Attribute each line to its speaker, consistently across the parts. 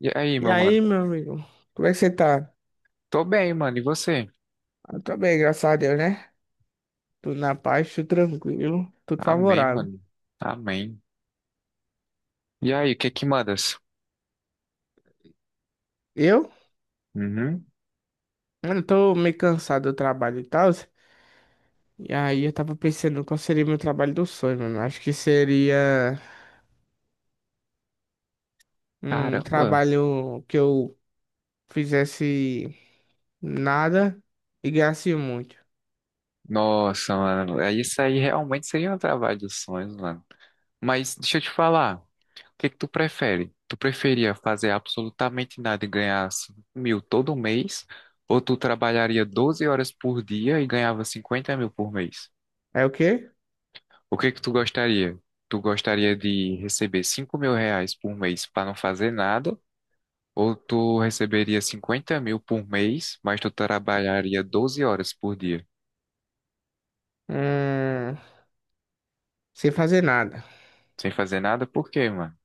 Speaker 1: E aí,
Speaker 2: E
Speaker 1: meu mano?
Speaker 2: aí, meu amigo, como é que você tá?
Speaker 1: Tô bem, mano. E você?
Speaker 2: Eu tô bem, graças a Deus, né? Tudo na paz, tudo tranquilo, tudo
Speaker 1: Amém,
Speaker 2: favorável.
Speaker 1: mano. Amém. E aí, o que que mandas?
Speaker 2: Eu?
Speaker 1: Uhum.
Speaker 2: Mano, eu tô meio cansado do trabalho e tal. E aí eu tava pensando qual seria meu trabalho do sonho, mano. Acho que seria um
Speaker 1: Caramba.
Speaker 2: trabalho que eu fizesse nada e ganhasse muito.
Speaker 1: Nossa, mano. Isso aí realmente seria um trabalho dos sonhos, mano. Mas deixa eu te falar. O que que tu prefere? Tu preferia fazer absolutamente nada e ganhar 5 mil todo mês? Ou tu trabalharia 12 horas por dia e ganhava 50 mil por mês?
Speaker 2: É o quê?
Speaker 1: O que que tu gostaria? Tu gostaria de receber 5 mil reais por mês para não fazer nada? Ou tu receberia 50 mil por mês, mas tu trabalharia 12 horas por dia,
Speaker 2: Hum, Sem fazer nada.
Speaker 1: sem fazer nada? Por quê, mano?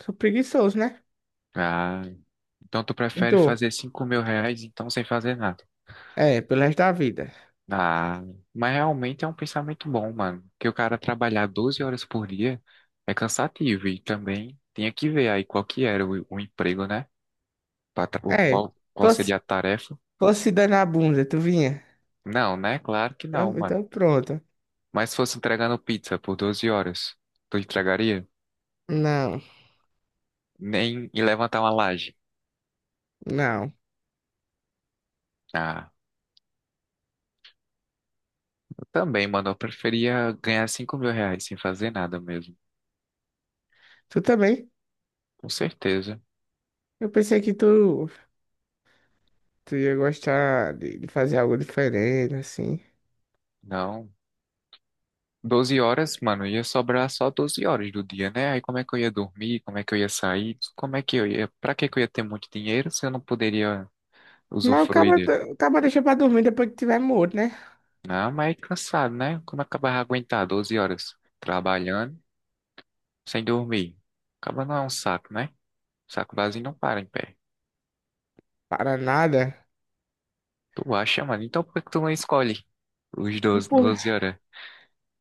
Speaker 2: Sou preguiçoso, né?
Speaker 1: Ah, então tu prefere
Speaker 2: Então,
Speaker 1: fazer 5 mil reais, então sem fazer nada.
Speaker 2: é, pelo resto da vida.
Speaker 1: Ah, mas realmente é um pensamento bom, mano. Que o cara trabalhar 12 horas por dia é cansativo e também tinha que ver aí qual que era o emprego, né? O
Speaker 2: É.
Speaker 1: qual
Speaker 2: Tô,
Speaker 1: seria a tarefa?
Speaker 2: Fosse dar na bunda, tu vinha?
Speaker 1: Não, né? Claro que não,
Speaker 2: Então,
Speaker 1: mano.
Speaker 2: então pronto.
Speaker 1: Mas se fosse entregando pizza por 12 horas, tu entregaria?
Speaker 2: Não,
Speaker 1: Nem e levantar uma laje.
Speaker 2: não.
Speaker 1: Ah, eu também, mano. Eu preferia ganhar 5 mil reais sem fazer nada mesmo.
Speaker 2: Tu também?
Speaker 1: Com certeza.
Speaker 2: Eu pensei que tu ia gostar de fazer algo diferente, assim.
Speaker 1: Não. 12 horas, mano, ia sobrar só 12 horas do dia, né? Aí como é que eu ia dormir? Como é que eu ia sair? Como é que eu ia. Pra que que eu ia ter muito dinheiro se eu não poderia
Speaker 2: Mas o
Speaker 1: usufruir
Speaker 2: cara,
Speaker 1: dele?
Speaker 2: o cara deixa pra dormir depois que tiver morto, né?
Speaker 1: Não, mas é cansado, né? Como é que eu vai aguentar 12 horas trabalhando sem dormir? Acaba não é um saco, né? Saco vazio não para em pé.
Speaker 2: Para nada.
Speaker 1: Tu acha, mano? Então por que que tu não escolhe os
Speaker 2: E
Speaker 1: doze, doze horas?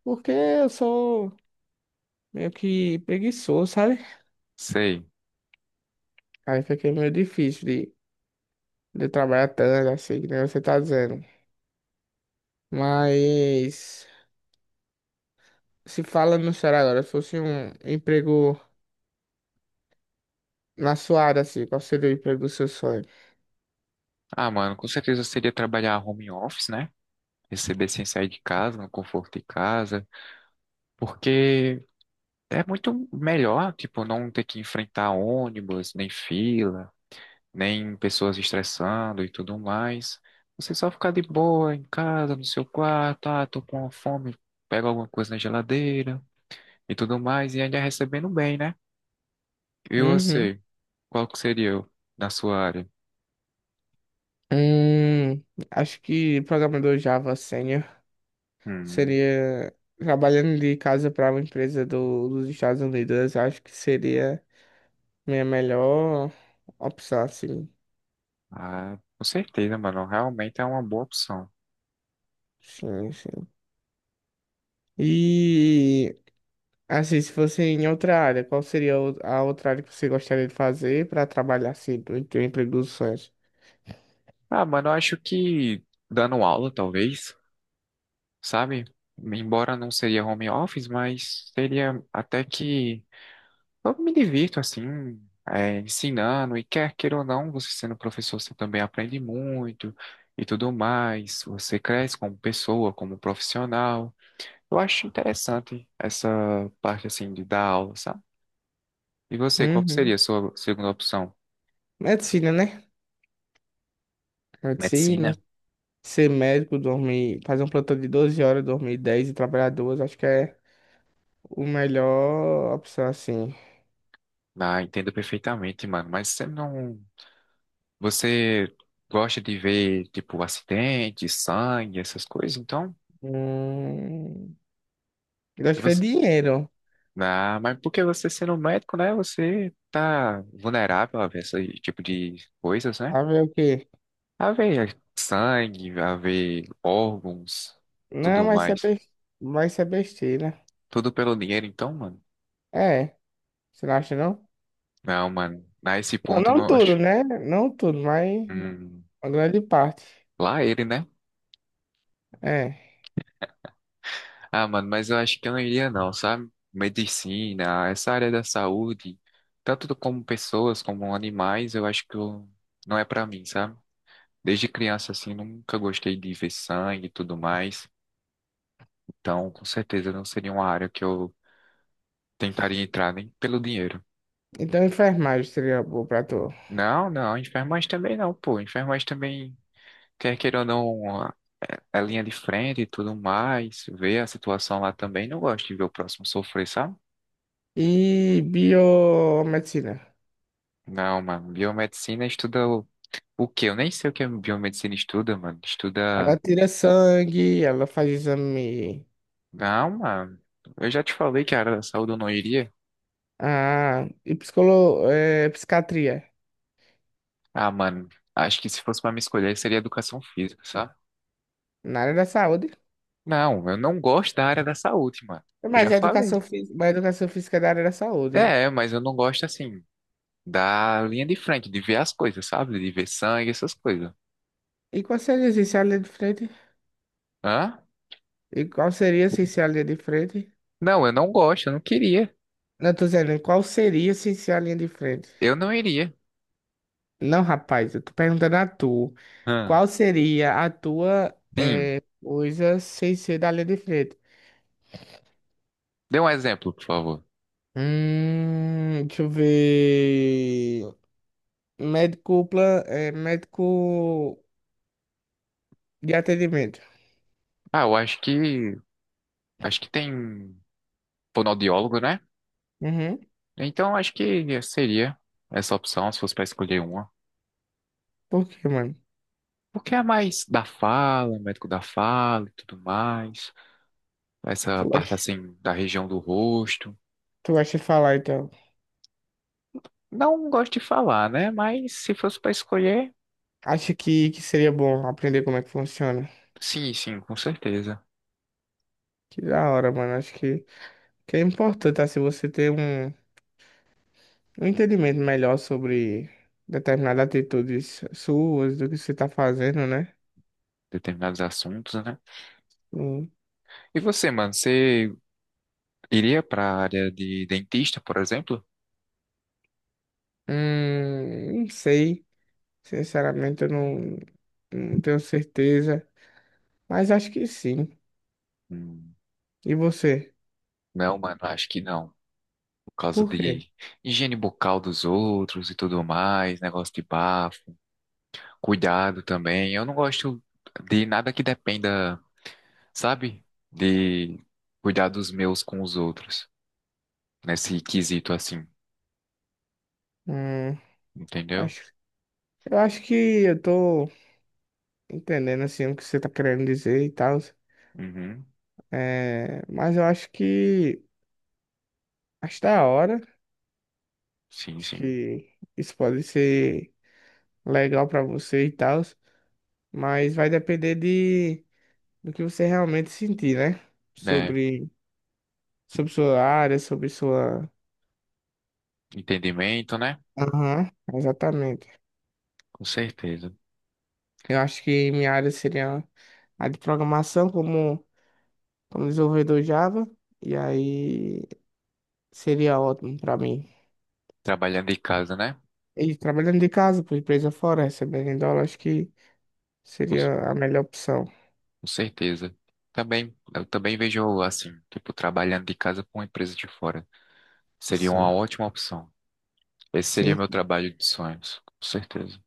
Speaker 2: porque eu sou meio que preguiçoso, sabe?
Speaker 1: Sei.
Speaker 2: Aí fica meio difícil de eu trabalhar tanto, assim, que nem você tá dizendo. Mas, se fala no sério agora, se fosse um emprego. Na sua área, assim, qual seria o emprego do seu sonho?
Speaker 1: Ah, mano, com certeza seria trabalhar home office, né? Receber sem sair de casa, no conforto de casa, porque é muito melhor, tipo, não ter que enfrentar ônibus, nem fila, nem pessoas estressando e tudo mais. Você só ficar de boa em casa, no seu quarto, ah, tô com uma fome, pega alguma coisa na geladeira e tudo mais, e ainda recebendo bem, né? E
Speaker 2: Uhum.
Speaker 1: você, qual que seria na sua área?
Speaker 2: Hum, Acho que programador Java Senior
Speaker 1: Hum,
Speaker 2: seria trabalhando de casa para uma empresa dos Estados Unidos. Acho que seria minha melhor opção, assim.
Speaker 1: ah, com certeza, mano, realmente é uma boa opção.
Speaker 2: Sim, sim. E, assim, se fosse em outra área, qual seria a outra área que você gostaria de fazer para trabalhar, assim, do emprego dos sonhos?
Speaker 1: Ah, mano, eu acho que dando aula, talvez, sabe? Embora não seria home office, mas seria até que eu me divirto, assim, é, ensinando, e quer queira ou não, você sendo professor, você também aprende muito e tudo mais, você cresce como pessoa, como profissional. Eu acho interessante essa parte, assim, de dar aula, sabe? E você, qual que
Speaker 2: Uhum.
Speaker 1: seria a sua segunda opção?
Speaker 2: Medicina, né? Medicina.
Speaker 1: Medicina?
Speaker 2: Ser médico, dormir, fazer um plantão de 12 horas, dormir 10 e trabalhar duas, acho que é o melhor opção, assim.
Speaker 1: Ah, entendo perfeitamente, mano, mas você não. Você gosta de ver, tipo, acidente, sangue, essas coisas? Então,
Speaker 2: Hum, eu
Speaker 1: se
Speaker 2: acho que é
Speaker 1: você...
Speaker 2: dinheiro.
Speaker 1: Ah, mas porque você sendo um médico, né? Você tá vulnerável a ver esse tipo de coisas, né?
Speaker 2: A ver o quê?
Speaker 1: A ver sangue, a ver órgãos,
Speaker 2: Não,
Speaker 1: tudo mais.
Speaker 2: mas isso é besteira.
Speaker 1: Tudo pelo dinheiro, então, mano.
Speaker 2: É, você não acha, não?
Speaker 1: Não, mano. A esse
Speaker 2: Não,
Speaker 1: ponto, eu
Speaker 2: não
Speaker 1: não
Speaker 2: tudo,
Speaker 1: acho.
Speaker 2: né? Não tudo, mas
Speaker 1: Hum,
Speaker 2: uma grande parte.
Speaker 1: lá ele, né?
Speaker 2: É.
Speaker 1: Ah, mano, mas eu acho que eu não iria não, sabe? Medicina, essa área da saúde, tanto como pessoas como animais, eu acho que eu- não é pra mim, sabe? Desde criança, assim, nunca gostei de ver sangue e tudo mais. Então, com certeza, não seria uma área que eu tentaria entrar nem pelo dinheiro.
Speaker 2: Então, enfermagem seria boa pra tu.
Speaker 1: Não, Enfermagem também não, pô. Enfermagem também, quer queira ou não, é linha de frente e tudo mais. Ver a situação lá também, não gosto de ver o próximo sofrer, sabe?
Speaker 2: E biomedicina.
Speaker 1: Não, mano, biomedicina estuda o quê? Eu nem sei o que a biomedicina estuda, mano.
Speaker 2: Ela
Speaker 1: Estuda.
Speaker 2: tira sangue, ela faz exame.
Speaker 1: Ah, mano. Eu já te falei que a área da saúde eu não iria.
Speaker 2: Ah, e psiquiatria
Speaker 1: Ah, mano. Acho que se fosse pra me escolher, seria educação física, sabe?
Speaker 2: na área da saúde.
Speaker 1: Não, eu não gosto da área da saúde, mano. Eu já
Speaker 2: Mas a
Speaker 1: falei.
Speaker 2: educação física, mas a educação física é da área da saúde.
Speaker 1: É, mas eu não gosto, assim, da linha de frente, de ver as coisas, sabe? De ver sangue, essas coisas.
Speaker 2: E qual seria assim, se a linha de frente?
Speaker 1: Hã?
Speaker 2: E qual seria assim, se a linha de frente?
Speaker 1: Não, eu não gosto, eu não queria.
Speaker 2: Não, tô dizendo, qual seria assim, se a linha de frente?
Speaker 1: Eu não iria.
Speaker 2: Não, rapaz, eu tô perguntando a tu.
Speaker 1: Hã?
Speaker 2: Qual seria a tua
Speaker 1: Sim.
Speaker 2: coisa sem ser da linha de frente?
Speaker 1: Dê um exemplo, por favor.
Speaker 2: Deixa eu ver. Médico, médico de atendimento.
Speaker 1: Ah, eu acho que. Acho que tem fonoaudiólogo, né?
Speaker 2: Uhum.
Speaker 1: Então, acho que seria essa opção, se fosse para escolher uma.
Speaker 2: Por quê, mano?
Speaker 1: Porque é mais da fala, médico da fala e tudo mais. Essa
Speaker 2: Tu
Speaker 1: parte,
Speaker 2: gosta,
Speaker 1: assim, da região do rosto.
Speaker 2: tu gosta de falar, então.
Speaker 1: Não gosto de falar, né? Mas se fosse para escolher,
Speaker 2: Acha que seria bom aprender como é que funciona?
Speaker 1: sim, sim, com certeza.
Speaker 2: Que da hora, mano. Acho que é importante, assim, você ter um entendimento melhor sobre determinadas atitudes suas, do que você tá fazendo, né?
Speaker 1: Determinados assuntos, né?
Speaker 2: Hum,
Speaker 1: E você, mano, você iria para a área de dentista, por exemplo?
Speaker 2: não sei. Sinceramente, eu não tenho certeza. Mas acho que sim.
Speaker 1: Hum,
Speaker 2: E você?
Speaker 1: não, mano, acho que não. Por causa
Speaker 2: Por quê?
Speaker 1: de higiene bucal dos outros e tudo mais, negócio de bafo. Cuidado também. Eu não gosto de nada que dependa, sabe? De cuidar dos meus com os outros, nesse quesito assim,
Speaker 2: Hum,
Speaker 1: entendeu?
Speaker 2: acho, eu acho que eu tô entendendo, assim, o que você tá querendo dizer e tal.
Speaker 1: Uhum.
Speaker 2: É, mas eu acho que acho da hora.
Speaker 1: Sim,
Speaker 2: Acho
Speaker 1: sim.
Speaker 2: que isso pode ser legal pra você e tal. Mas vai depender de do que você realmente sentir, né?
Speaker 1: É,
Speaker 2: Sobre, sobre sua área, sobre sua.
Speaker 1: entendimento, né?
Speaker 2: Aham, exatamente.
Speaker 1: Com certeza.
Speaker 2: Eu acho que minha área seria a de programação como desenvolvedor Java. E aí seria ótimo pra mim.
Speaker 1: Trabalhando de casa, né?
Speaker 2: E trabalhando de casa, por empresa fora, recebendo em dólar, acho que
Speaker 1: Com
Speaker 2: seria a melhor opção.
Speaker 1: certeza. Também, eu também vejo assim, tipo, trabalhando de casa com uma empresa de fora. Seria
Speaker 2: Nossa.
Speaker 1: uma ótima opção. Esse seria
Speaker 2: Sim.
Speaker 1: meu trabalho de sonhos, com certeza.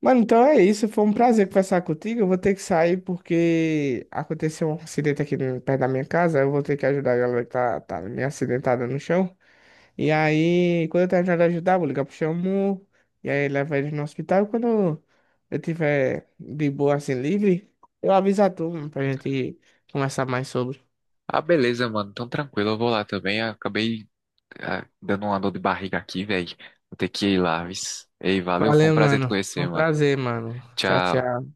Speaker 2: Mano, então é isso. Foi um prazer conversar contigo. Eu vou ter que sair porque aconteceu um acidente aqui perto da minha casa. Eu vou ter que ajudar a galera que tá meio acidentada no chão. E aí, quando eu terminar de ajudar, eu vou ligar pro Xamu. E aí, leva ele no hospital. Quando eu tiver de boa, assim, livre, eu aviso a turma pra gente conversar mais sobre.
Speaker 1: Ah, beleza, mano. Então tranquilo, eu vou lá também. Acabei Ah, dando uma dor de barriga aqui, velho. Vou ter que ir lá, vis. Ei, valeu, foi um
Speaker 2: Valeu,
Speaker 1: prazer te
Speaker 2: mano. Foi
Speaker 1: conhecer,
Speaker 2: um
Speaker 1: mano.
Speaker 2: prazer, mano. Tchau,
Speaker 1: Tchau.
Speaker 2: tchau.